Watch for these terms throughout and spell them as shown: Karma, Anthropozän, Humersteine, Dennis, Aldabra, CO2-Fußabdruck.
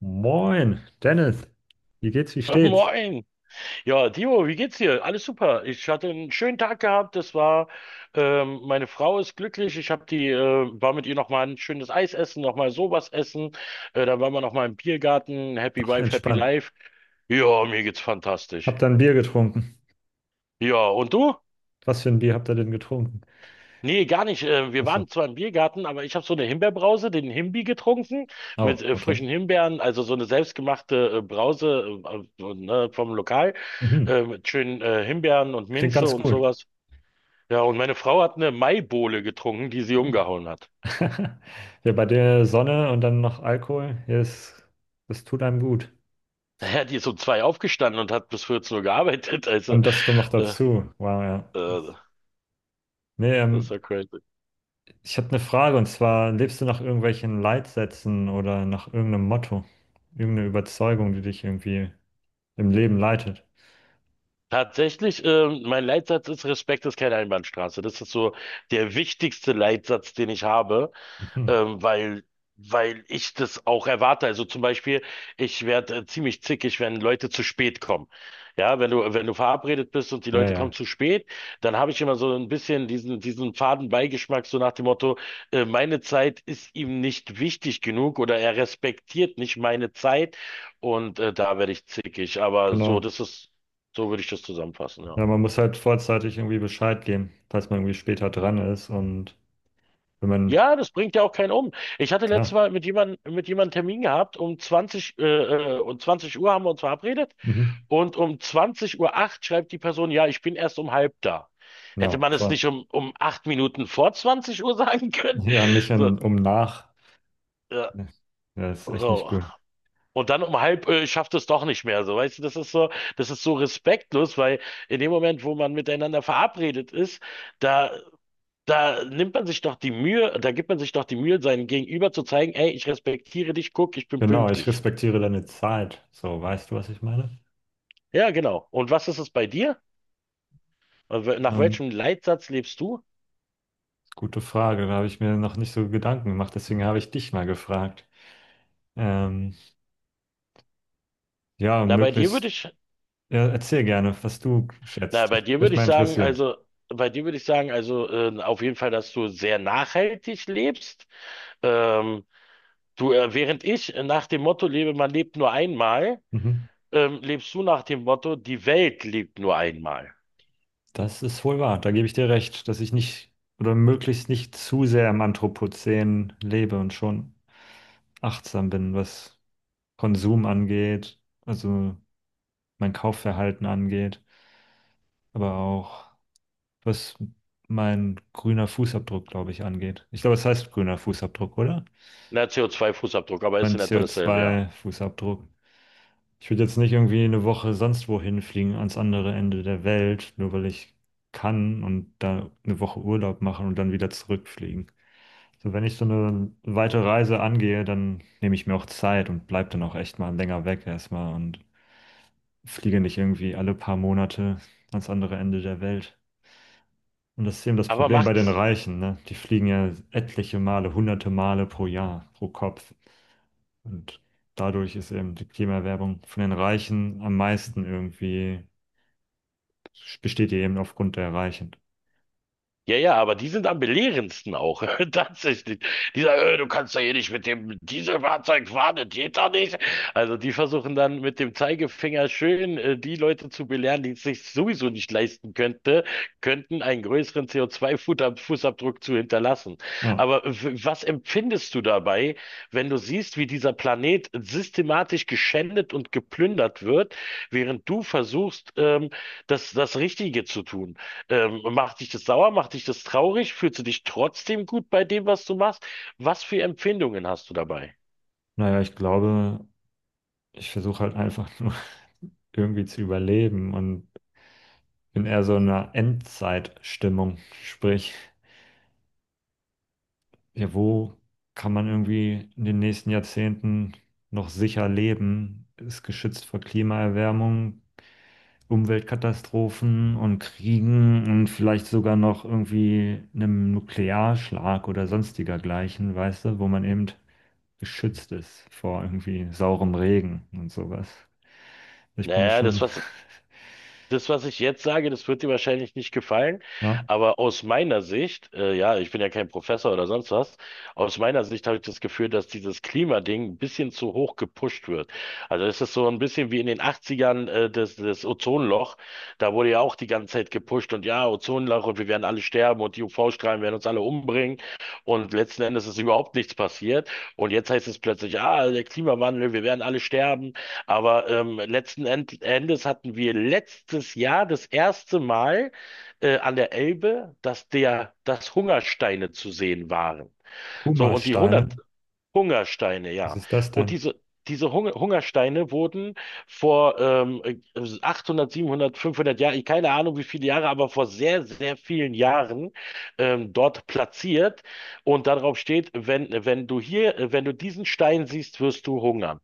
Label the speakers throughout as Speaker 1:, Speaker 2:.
Speaker 1: Moin, Dennis. Wie geht's, wie steht's?
Speaker 2: Moin. Ja, Timo, wie geht's dir? Alles super. Ich hatte einen schönen Tag gehabt. Meine Frau ist glücklich. War mit ihr noch mal ein schönes Eis essen, noch mal sowas essen. Dann waren wir noch mal im Biergarten. Happy
Speaker 1: Ach,
Speaker 2: Wife, Happy
Speaker 1: entspannt.
Speaker 2: Life. Ja, mir geht's fantastisch.
Speaker 1: Habt da ein Bier getrunken?
Speaker 2: Ja, und du?
Speaker 1: Was für ein Bier habt ihr denn getrunken?
Speaker 2: Nee, gar nicht. Wir
Speaker 1: Ach
Speaker 2: waren
Speaker 1: so.
Speaker 2: zwar im Biergarten, aber ich habe so eine Himbeerbrause, den Himbi getrunken mit
Speaker 1: Oh, okay.
Speaker 2: frischen Himbeeren, also so eine selbstgemachte Brause, ne, vom Lokal,
Speaker 1: Mhm.
Speaker 2: mit schönen Himbeeren und
Speaker 1: Klingt
Speaker 2: Minze
Speaker 1: ganz
Speaker 2: und
Speaker 1: cool.
Speaker 2: sowas. Ja, und meine Frau hat eine Maibowle getrunken, die sie
Speaker 1: Uh.
Speaker 2: umgehauen hat.
Speaker 1: Ja, bei der Sonne und dann noch Alkohol, ja, das, das tut einem gut.
Speaker 2: Naja, die ist um zwei aufgestanden und hat bis 14 Uhr gearbeitet. Also,
Speaker 1: Und das kommt noch
Speaker 2: äh,
Speaker 1: dazu. Wow, ja.
Speaker 2: äh,
Speaker 1: Nee,
Speaker 2: das ist ja crazy.
Speaker 1: ich habe eine Frage und zwar, lebst du nach irgendwelchen Leitsätzen oder nach irgendeinem Motto? Irgendeine Überzeugung, die dich irgendwie im Leben leitet?
Speaker 2: Tatsächlich, mein Leitsatz ist: Respekt ist keine Einbahnstraße. Das ist so der wichtigste Leitsatz, den ich habe,
Speaker 1: Mhm.
Speaker 2: ähm, weil, weil ich das auch erwarte. Also zum Beispiel, ich werde ziemlich zickig, wenn Leute zu spät kommen. Ja, wenn du verabredet bist und die
Speaker 1: Ja,
Speaker 2: Leute kommen
Speaker 1: ja,
Speaker 2: zu spät, dann habe ich immer so ein bisschen diesen faden Beigeschmack, so nach dem Motto: Meine Zeit ist ihm nicht wichtig genug, oder er respektiert nicht meine Zeit, und da werde ich zickig. Aber so,
Speaker 1: genau.
Speaker 2: das ist so würde ich das zusammenfassen, ja.
Speaker 1: Ja, man muss halt vorzeitig irgendwie Bescheid geben, falls man irgendwie später dran ist. Und wenn man,
Speaker 2: Ja, das bringt ja auch keinen um. Ich hatte letztes
Speaker 1: ja,
Speaker 2: Mal mit jemandem Termin gehabt, um 20 Uhr haben wir uns verabredet,
Speaker 1: mhm.
Speaker 2: und um 20:08 Uhr schreibt die Person: Ja, ich bin erst um halb da. Hätte
Speaker 1: Ja,
Speaker 2: man es
Speaker 1: toll.
Speaker 2: nicht um 8 Minuten vor 20 Uhr sagen können?
Speaker 1: Ja, nicht
Speaker 2: So,
Speaker 1: in, um nach.
Speaker 2: ja,
Speaker 1: Ja, das ist echt nicht
Speaker 2: so.
Speaker 1: gut.
Speaker 2: Und dann um halb, schafft es doch nicht mehr. So, weißt du, das ist so respektlos, weil in dem Moment, wo man miteinander verabredet ist, da Da nimmt man sich doch die Mühe, da gibt man sich doch die Mühe, seinem Gegenüber zu zeigen: Ey, ich respektiere dich, guck, ich bin
Speaker 1: Genau, ich
Speaker 2: pünktlich.
Speaker 1: respektiere deine Zeit. So, weißt du, was ich meine?
Speaker 2: Ja, genau. Und was ist es bei dir? Nach
Speaker 1: Ähm,
Speaker 2: welchem Leitsatz lebst du?
Speaker 1: gute Frage, da habe ich mir noch nicht so Gedanken gemacht, deswegen habe ich dich mal gefragt. Ähm, ja,
Speaker 2: Na,
Speaker 1: möglichst, ja, erzähl gerne, was du schätzt.
Speaker 2: bei
Speaker 1: Das würde
Speaker 2: dir würde
Speaker 1: mich mal
Speaker 2: ich sagen,
Speaker 1: interessieren.
Speaker 2: also, auf jeden Fall, dass du sehr nachhaltig lebst. Ähm, Während ich nach dem Motto lebe, man lebt nur einmal,
Speaker 1: Mhm.
Speaker 2: lebst du nach dem Motto, die Welt lebt nur einmal.
Speaker 1: Das ist wohl wahr. Da gebe ich dir recht, dass ich nicht oder möglichst nicht zu sehr im Anthropozän lebe und schon achtsam bin, was Konsum angeht, also mein Kaufverhalten angeht, aber auch was mein grüner Fußabdruck, glaube ich, angeht. Ich glaube, es heißt grüner Fußabdruck, oder?
Speaker 2: Na, CO2-Fußabdruck, aber ist
Speaker 1: Mein
Speaker 2: in etwa dasselbe, ja.
Speaker 1: CO2-Fußabdruck. Ich würde jetzt nicht irgendwie eine Woche sonst wohin fliegen, ans andere Ende der Welt, nur weil ich kann und da eine Woche Urlaub machen und dann wieder zurückfliegen. So, wenn ich so eine weite Reise angehe, dann nehme ich mir auch Zeit und bleib dann auch echt mal länger weg erstmal und fliege nicht irgendwie alle paar Monate ans andere Ende der Welt. Und das ist eben das
Speaker 2: Aber
Speaker 1: Problem bei
Speaker 2: macht
Speaker 1: den
Speaker 2: es,
Speaker 1: Reichen, ne? Die fliegen ja etliche Male, hunderte Male pro Jahr, pro Kopf. Und dadurch ist eben die Klimaerwärmung von den Reichen am meisten irgendwie, besteht die eben aufgrund der Reichen.
Speaker 2: Ja, ja, aber die sind am belehrendsten auch. Tatsächlich. Du kannst ja hier nicht mit dem Dieselfahrzeug fahren, das geht doch nicht. Also die versuchen dann mit dem Zeigefinger schön die Leute zu belehren, die es sich sowieso nicht leisten könnten, einen größeren CO2-Fußabdruck zu hinterlassen.
Speaker 1: Ja,
Speaker 2: Aber was empfindest du dabei, wenn du siehst, wie dieser Planet systematisch geschändet und geplündert wird, während du versuchst, das Richtige zu tun? Macht dich das sauer? Macht dich das traurig? Fühlst du dich trotzdem gut bei dem, was du machst? Was für Empfindungen hast du dabei?
Speaker 1: naja, ich glaube, ich versuche halt einfach nur irgendwie zu überleben und bin eher so in einer Endzeitstimmung. Sprich, ja, wo kann man irgendwie in den nächsten Jahrzehnten noch sicher leben? Ist geschützt vor Klimaerwärmung, Umweltkatastrophen und Kriegen und vielleicht sogar noch irgendwie einem Nuklearschlag oder sonstiger gleichen, weißt du, wo man eben geschützt ist vor irgendwie saurem Regen und sowas. Ich bin da
Speaker 2: Naja, das,
Speaker 1: schon,
Speaker 2: was das, was ich jetzt sage, das wird dir wahrscheinlich nicht gefallen,
Speaker 1: ja,
Speaker 2: aber aus meiner Sicht, ja, ich bin ja kein Professor oder sonst was, aus meiner Sicht habe ich das Gefühl, dass dieses Klimading ein bisschen zu hoch gepusht wird. Also es ist so ein bisschen wie in den 80ern, das Ozonloch. Da wurde ja auch die ganze Zeit gepusht, und ja, Ozonloch, und wir werden alle sterben, und die UV-Strahlen werden uns alle umbringen, und letzten Endes ist überhaupt nichts passiert. Und jetzt heißt es plötzlich: Ah, der Klimawandel, wir werden alle sterben. Aber letzten Endes hatten wir letztes Jahr das erste Mal an der Elbe, dass Hungersteine zu sehen waren. So, und die hundert
Speaker 1: Humersteine.
Speaker 2: Hungersteine,
Speaker 1: Was
Speaker 2: ja.
Speaker 1: ist das
Speaker 2: Und
Speaker 1: denn?
Speaker 2: diese Hungersteine wurden vor 800, 700, 500 Jahren, ich keine Ahnung wie viele Jahre, aber vor sehr, sehr vielen Jahren dort platziert. Und darauf steht: Wenn du diesen Stein siehst, wirst du hungern.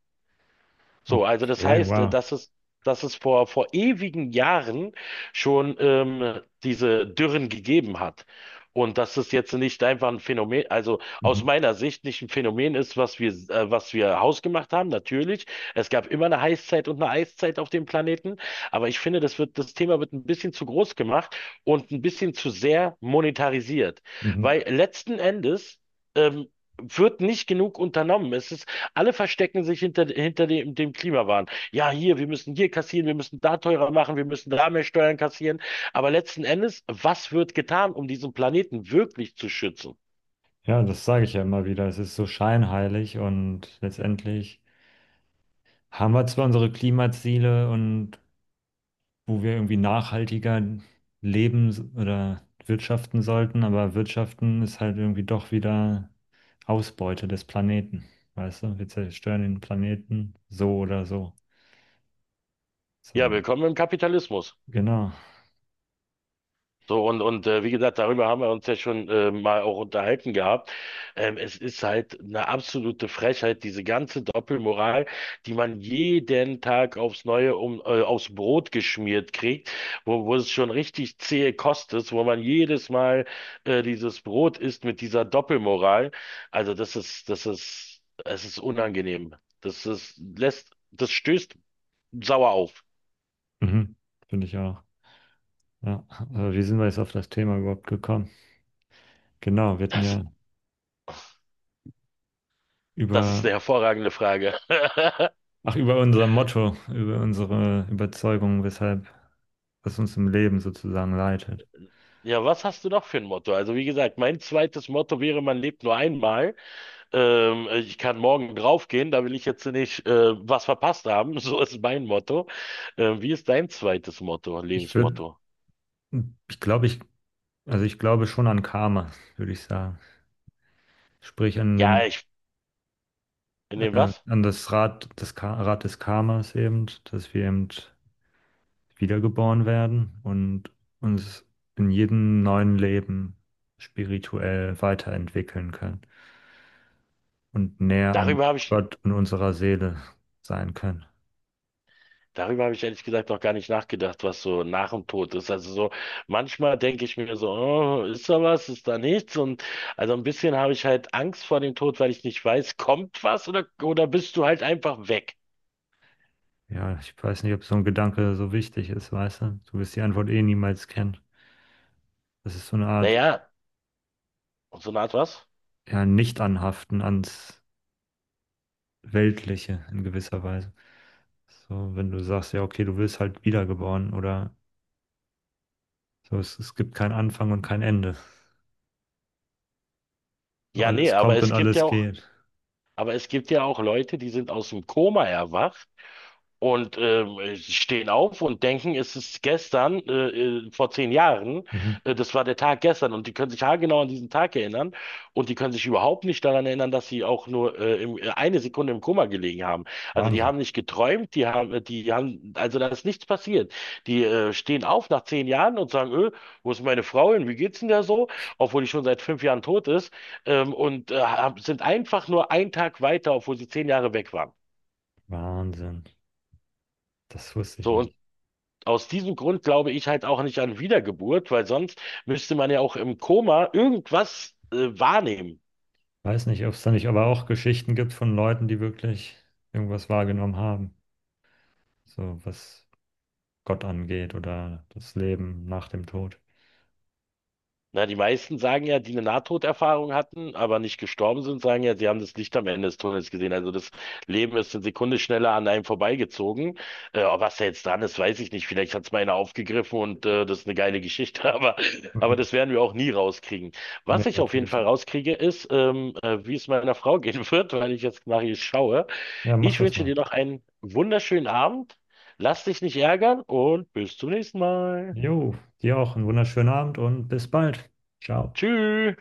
Speaker 2: So, also das
Speaker 1: Okay,
Speaker 2: heißt,
Speaker 1: wow.
Speaker 2: dass es vor ewigen Jahren schon diese Dürren gegeben hat. Und dass es jetzt nicht einfach ein Phänomen, also aus
Speaker 1: Mhm.
Speaker 2: meiner Sicht nicht ein Phänomen ist, was wir hausgemacht haben, natürlich. Es gab immer eine Heißzeit und eine Eiszeit auf dem Planeten. Aber ich finde, das Thema wird ein bisschen zu groß gemacht und ein bisschen zu sehr monetarisiert.
Speaker 1: Mhm.
Speaker 2: Weil letzten Endes, ähm, wird nicht genug unternommen. Es ist Alle verstecken sich hinter dem Klimawahn. Ja, hier: Wir müssen hier kassieren, wir müssen da teurer machen, wir müssen da mehr Steuern kassieren. Aber letzten Endes, was wird getan, um diesen Planeten wirklich zu schützen?
Speaker 1: Ja, das sage ich ja immer wieder. Es ist so scheinheilig und letztendlich haben wir zwar unsere Klimaziele und wo wir irgendwie nachhaltiger leben s- oder wirtschaften sollten, aber wirtschaften ist halt irgendwie doch wieder Ausbeute des Planeten. Weißt du, wir zerstören den Planeten so oder so.
Speaker 2: Ja,
Speaker 1: So,
Speaker 2: willkommen im Kapitalismus.
Speaker 1: genau.
Speaker 2: So, wie gesagt, darüber haben wir uns ja schon mal auch unterhalten gehabt. Es ist halt eine absolute Frechheit, diese ganze Doppelmoral, die man jeden Tag aufs Neue aufs Brot geschmiert kriegt, wo es schon richtig zähe Kost ist, wo man jedes Mal dieses Brot isst mit dieser Doppelmoral. Also es ist unangenehm. Das stößt sauer auf.
Speaker 1: Mhm. Finde ich auch. Ja, aber wie sind wir jetzt auf das Thema überhaupt gekommen? Genau, wir hatten
Speaker 2: Das,
Speaker 1: ja
Speaker 2: das ist
Speaker 1: über,
Speaker 2: eine hervorragende Frage.
Speaker 1: ach, über unser Motto, über unsere Überzeugung, weshalb, was uns im Leben sozusagen leitet.
Speaker 2: Ja, was hast du noch für ein Motto? Also wie gesagt, mein zweites Motto wäre: Man lebt nur einmal. Ich kann morgen draufgehen, da will ich jetzt nicht was verpasst haben. So ist mein Motto. Wie ist dein zweites Motto,
Speaker 1: Ich würde,
Speaker 2: Lebensmotto?
Speaker 1: ich glaube, ich, also ich glaube schon an Karma, würde ich sagen. Sprich an
Speaker 2: Ja,
Speaker 1: den,
Speaker 2: in dem was?
Speaker 1: an das Rad, das Ka Rad des Karmas eben, dass wir eben wiedergeboren werden und uns in jedem neuen Leben spirituell weiterentwickeln können und näher an
Speaker 2: Darüber habe ich,
Speaker 1: Gott und unserer Seele sein können.
Speaker 2: darüber habe ich ehrlich gesagt noch gar nicht nachgedacht, was so nach dem Tod ist. Also so, manchmal denke ich mir so: Oh, ist da was, ist da nichts? Und also ein bisschen habe ich halt Angst vor dem Tod, weil ich nicht weiß, kommt was, oder bist du halt einfach weg?
Speaker 1: Ja, ich weiß nicht, ob so ein Gedanke so wichtig ist, weißt du? Du wirst die Antwort eh niemals kennen. Das ist so eine Art,
Speaker 2: Naja. Und so eine Art was?
Speaker 1: ja, Nicht-Anhaften ans Weltliche in gewisser Weise. So, wenn du sagst, ja, okay, du wirst halt wiedergeboren oder so, es gibt keinen Anfang und kein Ende. So,
Speaker 2: Ja, nee,
Speaker 1: alles kommt und alles geht.
Speaker 2: aber es gibt ja auch Leute, die sind aus dem Koma erwacht. Und sie stehen auf und denken, es ist gestern, vor 10 Jahren,
Speaker 1: Mhm.
Speaker 2: das war der Tag gestern. Und die können sich haargenau an diesen Tag erinnern. Und die können sich überhaupt nicht daran erinnern, dass sie auch nur eine Sekunde im Koma gelegen haben. Also die
Speaker 1: Wahnsinn.
Speaker 2: haben nicht geträumt, die haben, also da ist nichts passiert. Die stehen auf nach 10 Jahren und sagen: Öh, wo ist meine Frau hin? Wie geht's denn da so? Obwohl die schon seit 5 Jahren tot ist. Sind einfach nur einen Tag weiter, obwohl sie 10 Jahre weg waren.
Speaker 1: Wahnsinn. Das wusste ich
Speaker 2: So, und
Speaker 1: nicht.
Speaker 2: aus diesem Grund glaube ich halt auch nicht an Wiedergeburt, weil sonst müsste man ja auch im Koma irgendwas wahrnehmen.
Speaker 1: Weiß nicht, ob es da nicht aber auch Geschichten gibt von Leuten, die wirklich irgendwas wahrgenommen haben. So, was Gott angeht oder das Leben nach dem Tod.
Speaker 2: Na, die meisten, sagen ja, die eine Nahtoderfahrung hatten, aber nicht gestorben sind, sagen ja, sie haben das Licht am Ende des Tunnels gesehen. Also das Leben ist eine Sekunde schneller an einem vorbeigezogen. Ob was da jetzt dran ist, weiß ich nicht. Vielleicht hat es mal einer aufgegriffen und das ist eine geile Geschichte, aber
Speaker 1: Mhm.
Speaker 2: das werden wir auch nie rauskriegen. Was
Speaker 1: Nee,
Speaker 2: ich auf jeden
Speaker 1: natürlich
Speaker 2: Fall
Speaker 1: nicht.
Speaker 2: rauskriege, ist, wie es meiner Frau gehen wird, weil ich jetzt nach ihr schaue.
Speaker 1: Ja, mach
Speaker 2: Ich
Speaker 1: das
Speaker 2: wünsche
Speaker 1: mal.
Speaker 2: dir noch einen wunderschönen Abend. Lass dich nicht ärgern, und bis zum nächsten Mal.
Speaker 1: Jo, dir auch einen wunderschönen Abend und bis bald. Ciao.
Speaker 2: Tschüss.